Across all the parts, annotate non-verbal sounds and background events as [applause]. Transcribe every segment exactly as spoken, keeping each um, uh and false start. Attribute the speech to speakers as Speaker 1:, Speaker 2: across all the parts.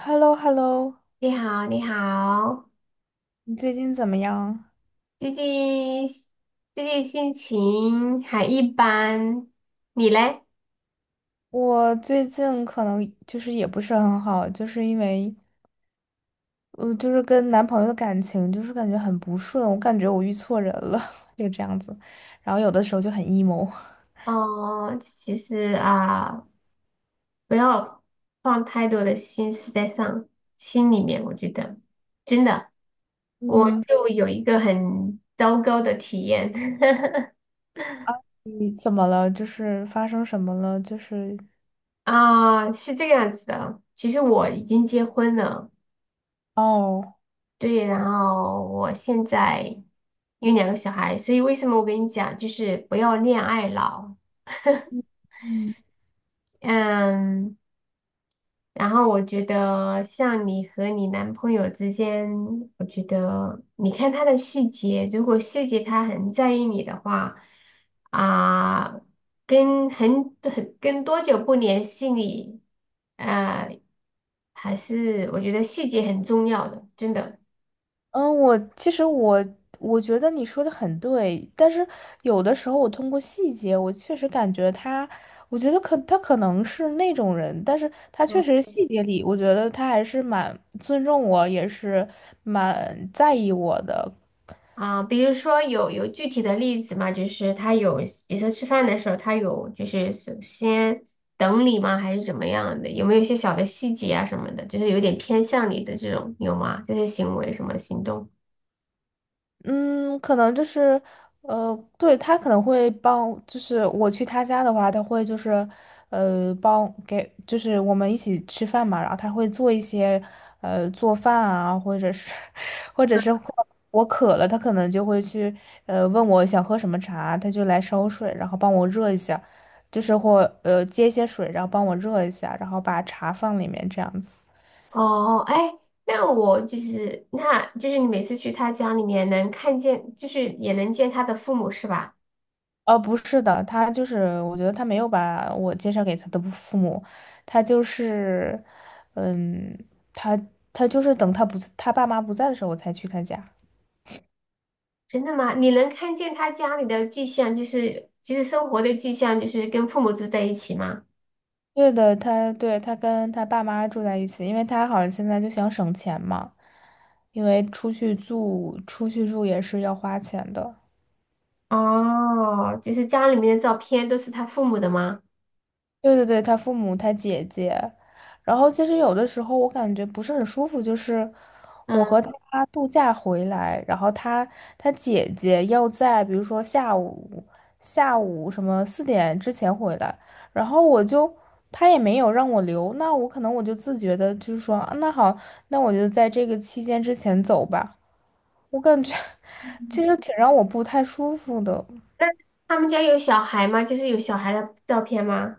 Speaker 1: H E L L O H E L L O。
Speaker 2: 你好，你好，
Speaker 1: 你最近怎么样？
Speaker 2: 最近最近心情还一般，你嘞？
Speaker 1: 我最近可能就是也不是很好，就是因为，嗯，就是跟男朋友的感情就是感觉很不顺，我感觉我遇错人了，[laughs] 就这样子，然后有的时候就很 emo。
Speaker 2: 哦，其实啊，不要放太多的心思在上心里面，我觉得真的，我
Speaker 1: 嗯，
Speaker 2: 就有一个很糟糕的体验 [laughs]
Speaker 1: 你怎么了？就是发生什么了？就是，
Speaker 2: 啊，是这个样子的，其实我已经结婚了。
Speaker 1: 哦，
Speaker 2: 对，然后我现在有两个小孩，所以为什么我跟你讲，就是不要恋爱脑。
Speaker 1: 嗯。
Speaker 2: 嗯，然后我觉得像你和你男朋友之间，我觉得你看他的细节，如果细节他很在意你的话，啊、跟很很跟多久不联系你，呃，还是我觉得细节很重要的，真的。
Speaker 1: 嗯，我其实，我我觉得你说的很对，但是有的时候我通过细节，我确实感觉他，我觉得可他可能是那种人，但是他
Speaker 2: 嗯。
Speaker 1: 确实细节里，我觉得他还是蛮尊重我，也是蛮在意我的。
Speaker 2: 啊，比如说有有具体的例子吗？就是他有，比如说吃饭的时候，他有就是首先等你吗？还是怎么样的？有没有一些小的细节啊什么的？就是有点偏向你的这种，有吗？这些行为什么行动？
Speaker 1: 嗯，可能就是，呃，对，他可能会帮，就是我去他家的话，他会就是，呃，帮给，就是我们一起吃饭嘛，然后他会做一些，呃，做饭啊，或者是，[laughs] 或者是会我渴了，他可能就会去，呃，问我想喝什么茶，他就来烧水，然后帮我热一下，就是或呃接一些水，然后帮我热一下，然后把茶放里面这样子。
Speaker 2: 哦，哎，那我就是，那就是你每次去他家里面能看见，就是也能见他的父母是吧？
Speaker 1: 哦，不是的，他就是，我觉得他没有把我介绍给他的父母，他就是，嗯，他他就是等他不他爸妈不在的时候，我才去他家。
Speaker 2: 真的吗？你能看见他家里的迹象，就是就是生活的迹象，就是跟父母住在一起吗？
Speaker 1: 对的，他对他跟他爸妈住在一起，因为他好像现在就想省钱嘛，因为出去住出去住也是要花钱的。
Speaker 2: 哦，就是家里面的照片都是他父母的吗？
Speaker 1: 对对对，他父母，他姐姐，然后其实有的时候我感觉不是很舒服，就是我
Speaker 2: 嗯，
Speaker 1: 和他度假回来，然后他他姐姐要在比如说下午下午什么四点之前回来，然后我就他也没有让我留，那我可能我就自觉的就是说，啊那好，那我就在这个期间之前走吧，我感觉 [laughs] 其实挺让我不太舒服的，
Speaker 2: 那他们家有小孩吗？就是有小孩的照片吗？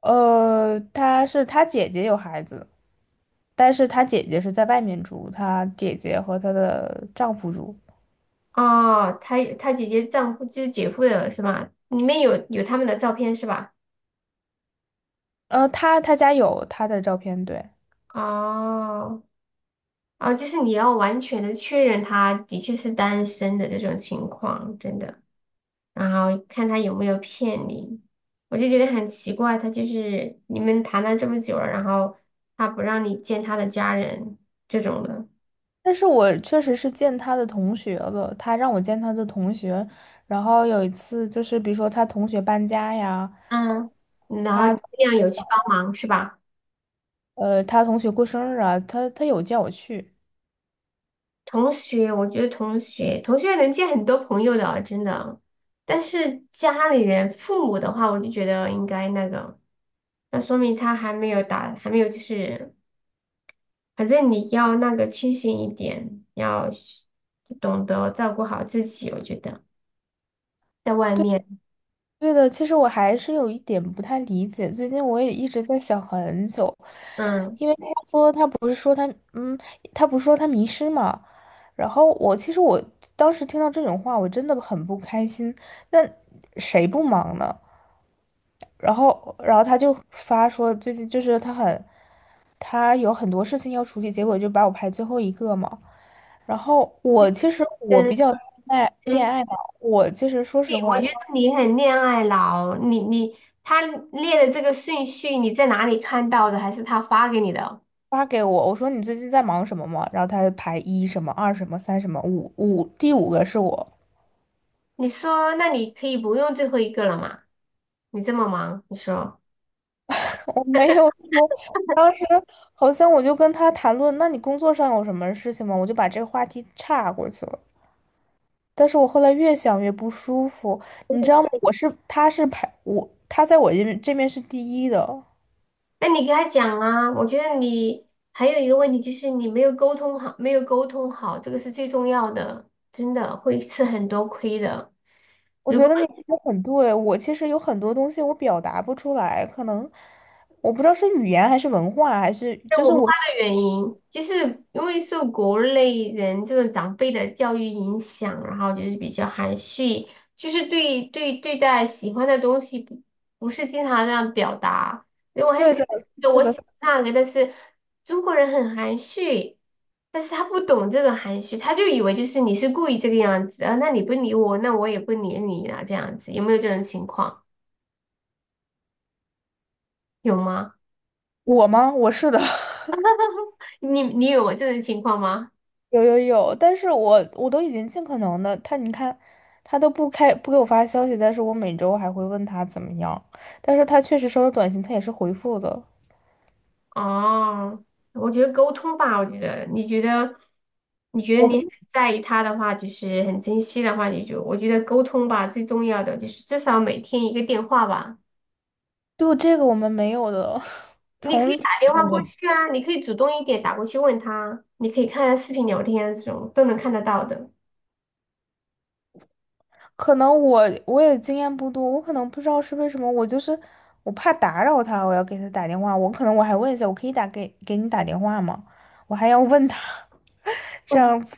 Speaker 1: 呃，他是他姐姐有孩子。但是她姐姐是在外面住，她姐姐和她的丈夫住。
Speaker 2: 哦，他他姐姐丈夫就是姐夫的是吗？里面有有他们的照片是吧？
Speaker 1: 呃，她她家有她的照片，对。
Speaker 2: 哦，哦，就是你要完全的确认他的确是单身的这种情况，真的，然后看他有没有骗你。我就觉得很奇怪，他就是你们谈了这么久了，然后他不让你见他的家人这种的。
Speaker 1: 但是我确实是见她的同学了，她让我见她的同学。然后有一次就是，比如说她同学搬家呀，
Speaker 2: 嗯，然后
Speaker 1: 她
Speaker 2: 你
Speaker 1: 同
Speaker 2: 这样有去
Speaker 1: 学
Speaker 2: 帮忙是吧？
Speaker 1: 呃她同学过生日啊，她她有叫我去。
Speaker 2: 同学，我觉得同学，同学能见很多朋友的啊，真的。但是家里人、父母的话，我就觉得应该那个，那说明他还没有打，还没有就是，反正你要那个清醒一点，要懂得照顾好自己。我觉得在外面，
Speaker 1: 对的，其实我还是有一点不太理解，最近我也一直在想很久，
Speaker 2: 嗯，
Speaker 1: 因为他说他不是说他嗯，他不是说他迷失嘛，然后我其实，我当时听到这种话，我真的很不开心。那谁不忙呢？然后然后他就发说最近就是他很他有很多事情要处理，结果就把我排最后一个嘛。然后我其实，我
Speaker 2: 嗯，
Speaker 1: 比较恋爱恋
Speaker 2: 嗯
Speaker 1: 爱脑，我其实说实
Speaker 2: 对我
Speaker 1: 话。
Speaker 2: 觉得你很恋爱脑，你你他列的这个顺序，你在哪里看到的？还是他发给你的？
Speaker 1: 发给我，我说你最近在忙什么吗？然后他就排一什么二什么三什么五五，第五个是我，
Speaker 2: 你说，那你可以不用最后一个了嘛？你这么忙，你说，
Speaker 1: [laughs] 我没有说，当时好像我就跟他谈论，那你工作上有什么事情吗？我就把这个话题岔过去了。但是我后来越想越不舒服，你知道吗？我是他是排我，他在我这边这边是第一的。
Speaker 2: 那你给他讲啊。我觉得你还有一个问题就是你没有沟通好，没有沟通好，这个是最重要的，真的会吃很多亏的。
Speaker 1: 我
Speaker 2: 如
Speaker 1: 觉
Speaker 2: 果
Speaker 1: 得你说的很对，我其实有很多东西我表达不出来，可能我不知道是语言还是文化，还是就是
Speaker 2: 文化
Speaker 1: 我。
Speaker 2: 的原因，就是因为受国内人这种长辈的教育影响，然后就是比较含蓄，就是对对对待喜欢的东西不不是经常这样表达。因为我很
Speaker 1: 对
Speaker 2: 喜
Speaker 1: 的，
Speaker 2: 欢这个
Speaker 1: 是
Speaker 2: 我
Speaker 1: 的。
Speaker 2: 喜欢那个，但是中国人很含蓄，但是他不懂这种含蓄，他就以为就是你是故意这个样子啊，那你不理我，那我也不理你啊，这样子有没有这种情况？有吗？
Speaker 1: 我吗？我是的，[laughs]
Speaker 2: 你你有这种情况吗？
Speaker 1: 有有有，但是我我都已经尽可能的，他你看，他都不开不给我发消息，但是我每周还会问他怎么样，但是他确实收到短信，他也是回复的。
Speaker 2: 哦，我觉得沟通吧，我觉得你觉得你觉得
Speaker 1: 我
Speaker 2: 你很
Speaker 1: 就
Speaker 2: 在意他的话，就是很珍惜的话，你就我觉得沟通吧，最重要的就是至少每天一个电话吧。
Speaker 1: 这个我们没有的，[laughs]
Speaker 2: 你可
Speaker 1: 从
Speaker 2: 以
Speaker 1: 一
Speaker 2: 打电话过去啊，你可以主动一点打过去问他，你可以看视频聊天这种都能看得到的。
Speaker 1: 可能我我也经验不多，我可能不知道是为什么，我就是我怕打扰他，我要给他打电话，我可能我还问一下，我可以打给给你打电话吗？我还要问他 [laughs]，
Speaker 2: [laughs]
Speaker 1: 这
Speaker 2: 我
Speaker 1: 样子。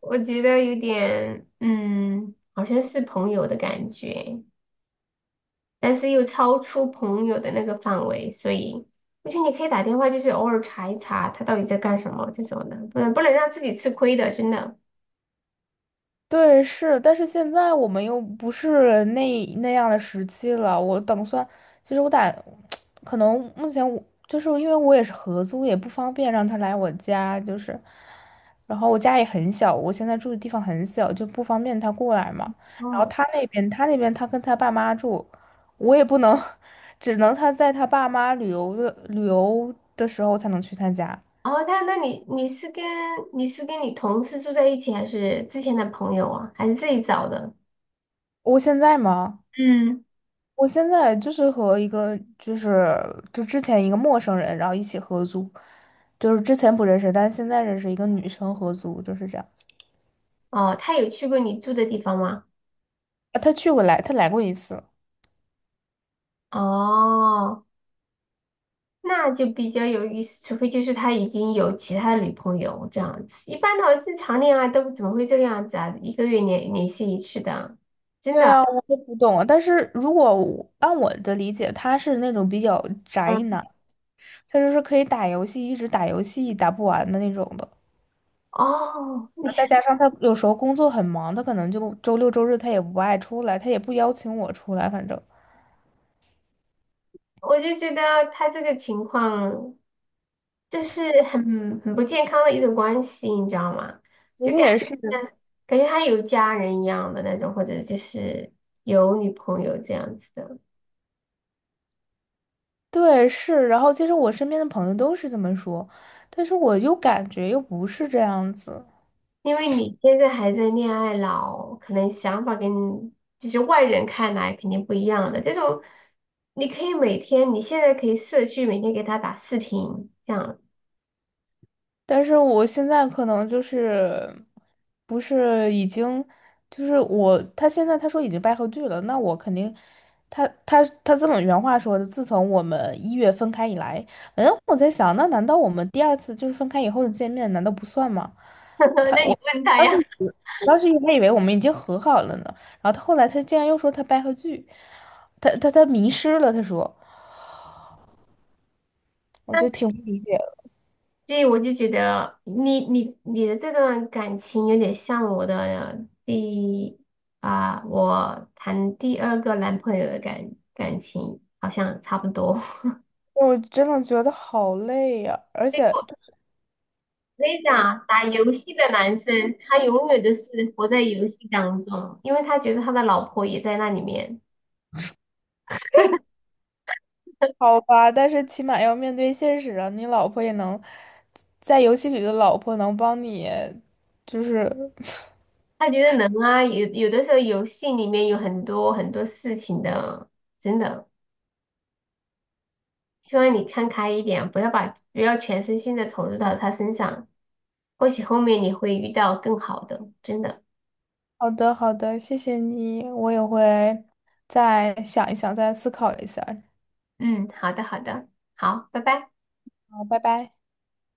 Speaker 2: 我觉得有点嗯，好像是朋友的感觉。但是又超出朋友的那个范围，所以我觉得你可以打电话，就是偶尔查一查他到底在干什么这种的，不能不能让自己吃亏的，真的。
Speaker 1: 对，是，但是现在我们又不是那那样的时期了。我打算，其实我打，[tsk] 可能目前我就是因为我也是合租，也不方便让他来我家，就是，然后我家也很小，我现在住的地方很小，就不方便他过来嘛。然后
Speaker 2: 哦，
Speaker 1: 他那边，他那边他跟他爸妈住，我也不能，[laughs] 只能他在他爸妈旅游的旅游的时候才能去他家。
Speaker 2: 哦，那那你你是跟你是跟你同事住在一起，还是之前的朋友啊，还是自己找的？
Speaker 1: 我现在吗？
Speaker 2: 嗯，
Speaker 1: 我现在就是和一个就是就之前一个陌生人，然后一起合租，就是之前不认识，但是现在认识一个女生合租，就是这样子。
Speaker 2: 哦，他有去过你住的地方吗？
Speaker 1: 啊，她去过来，她来过一次。
Speaker 2: 哦，那就比较有意思，除非就是他已经有其他的女朋友这样子。一般的话，正常恋爱都怎么会这个样子啊？一个月联联系一次的，真
Speaker 1: 对
Speaker 2: 的。
Speaker 1: 啊，我都不懂啊。但是如果我按我的理解，他是那种比较宅
Speaker 2: 嗯，
Speaker 1: 男，他就是可以打游戏，一直打游戏打不完的那种的。
Speaker 2: 哦，
Speaker 1: 啊
Speaker 2: 你，
Speaker 1: 再加上他有时候工作很忙，他可能就周六周日他也不爱出来，他也不邀请我出来，反正。
Speaker 2: 我就觉得他这个情况就是很很不健康的一种关系，你知道吗？
Speaker 1: 昨
Speaker 2: 就
Speaker 1: 天
Speaker 2: 感
Speaker 1: 也是。
Speaker 2: 觉感觉他有家人一样的那种，或者就是有女朋友这样子的。
Speaker 1: 对，是，然后其实我身边的朋友都是这么说，但是我又感觉又不是这样子，
Speaker 2: 因为你现在还在恋爱脑，可能想法跟就是外人看来肯定不一样的。这种你可以每天，你现在可以社区每天给他打视频，这样。
Speaker 1: 但是我现在可能就是不是已经就是我他现在他说已经掰回剧了，那我肯定他他他这么原话说的，自从我们一月分开以来，嗯，我在想，那难道我们第二次就是分开以后的见面，难道不算吗？
Speaker 2: [laughs] 那你问他
Speaker 1: 当时
Speaker 2: 呀？
Speaker 1: 以当时还以为我们已经和好了呢，然后他后来他竟然又说他掰回剧，他他他迷失了，他说，我就
Speaker 2: [laughs]
Speaker 1: 挺不理解的，
Speaker 2: 所以我就觉得你你你的这段感情有点像我的第啊、我谈第二个男朋友的感感情好像差不多。[laughs]
Speaker 1: 我真的觉得好累呀、而
Speaker 2: 所
Speaker 1: 且
Speaker 2: 以我我跟你讲啊打游戏的男生他永远都是活在游戏当中，因为他觉得他的老婆也在那里面，
Speaker 1: 好吧，但是起码要面对现实啊，你老婆也能在游戏里的老婆能帮你，就是 [laughs]
Speaker 2: 他觉得能啊，有有的时候游戏里面有很多很多事情的，真的。希望你看开一点，不要把不要全身心的投入到他身上，或许后面你会遇到更好的，真的。
Speaker 1: 好的好的，谢谢你，我也会再想一想，再思考一下，
Speaker 2: 嗯，好的，好的，好，拜拜。
Speaker 1: 好，拜拜。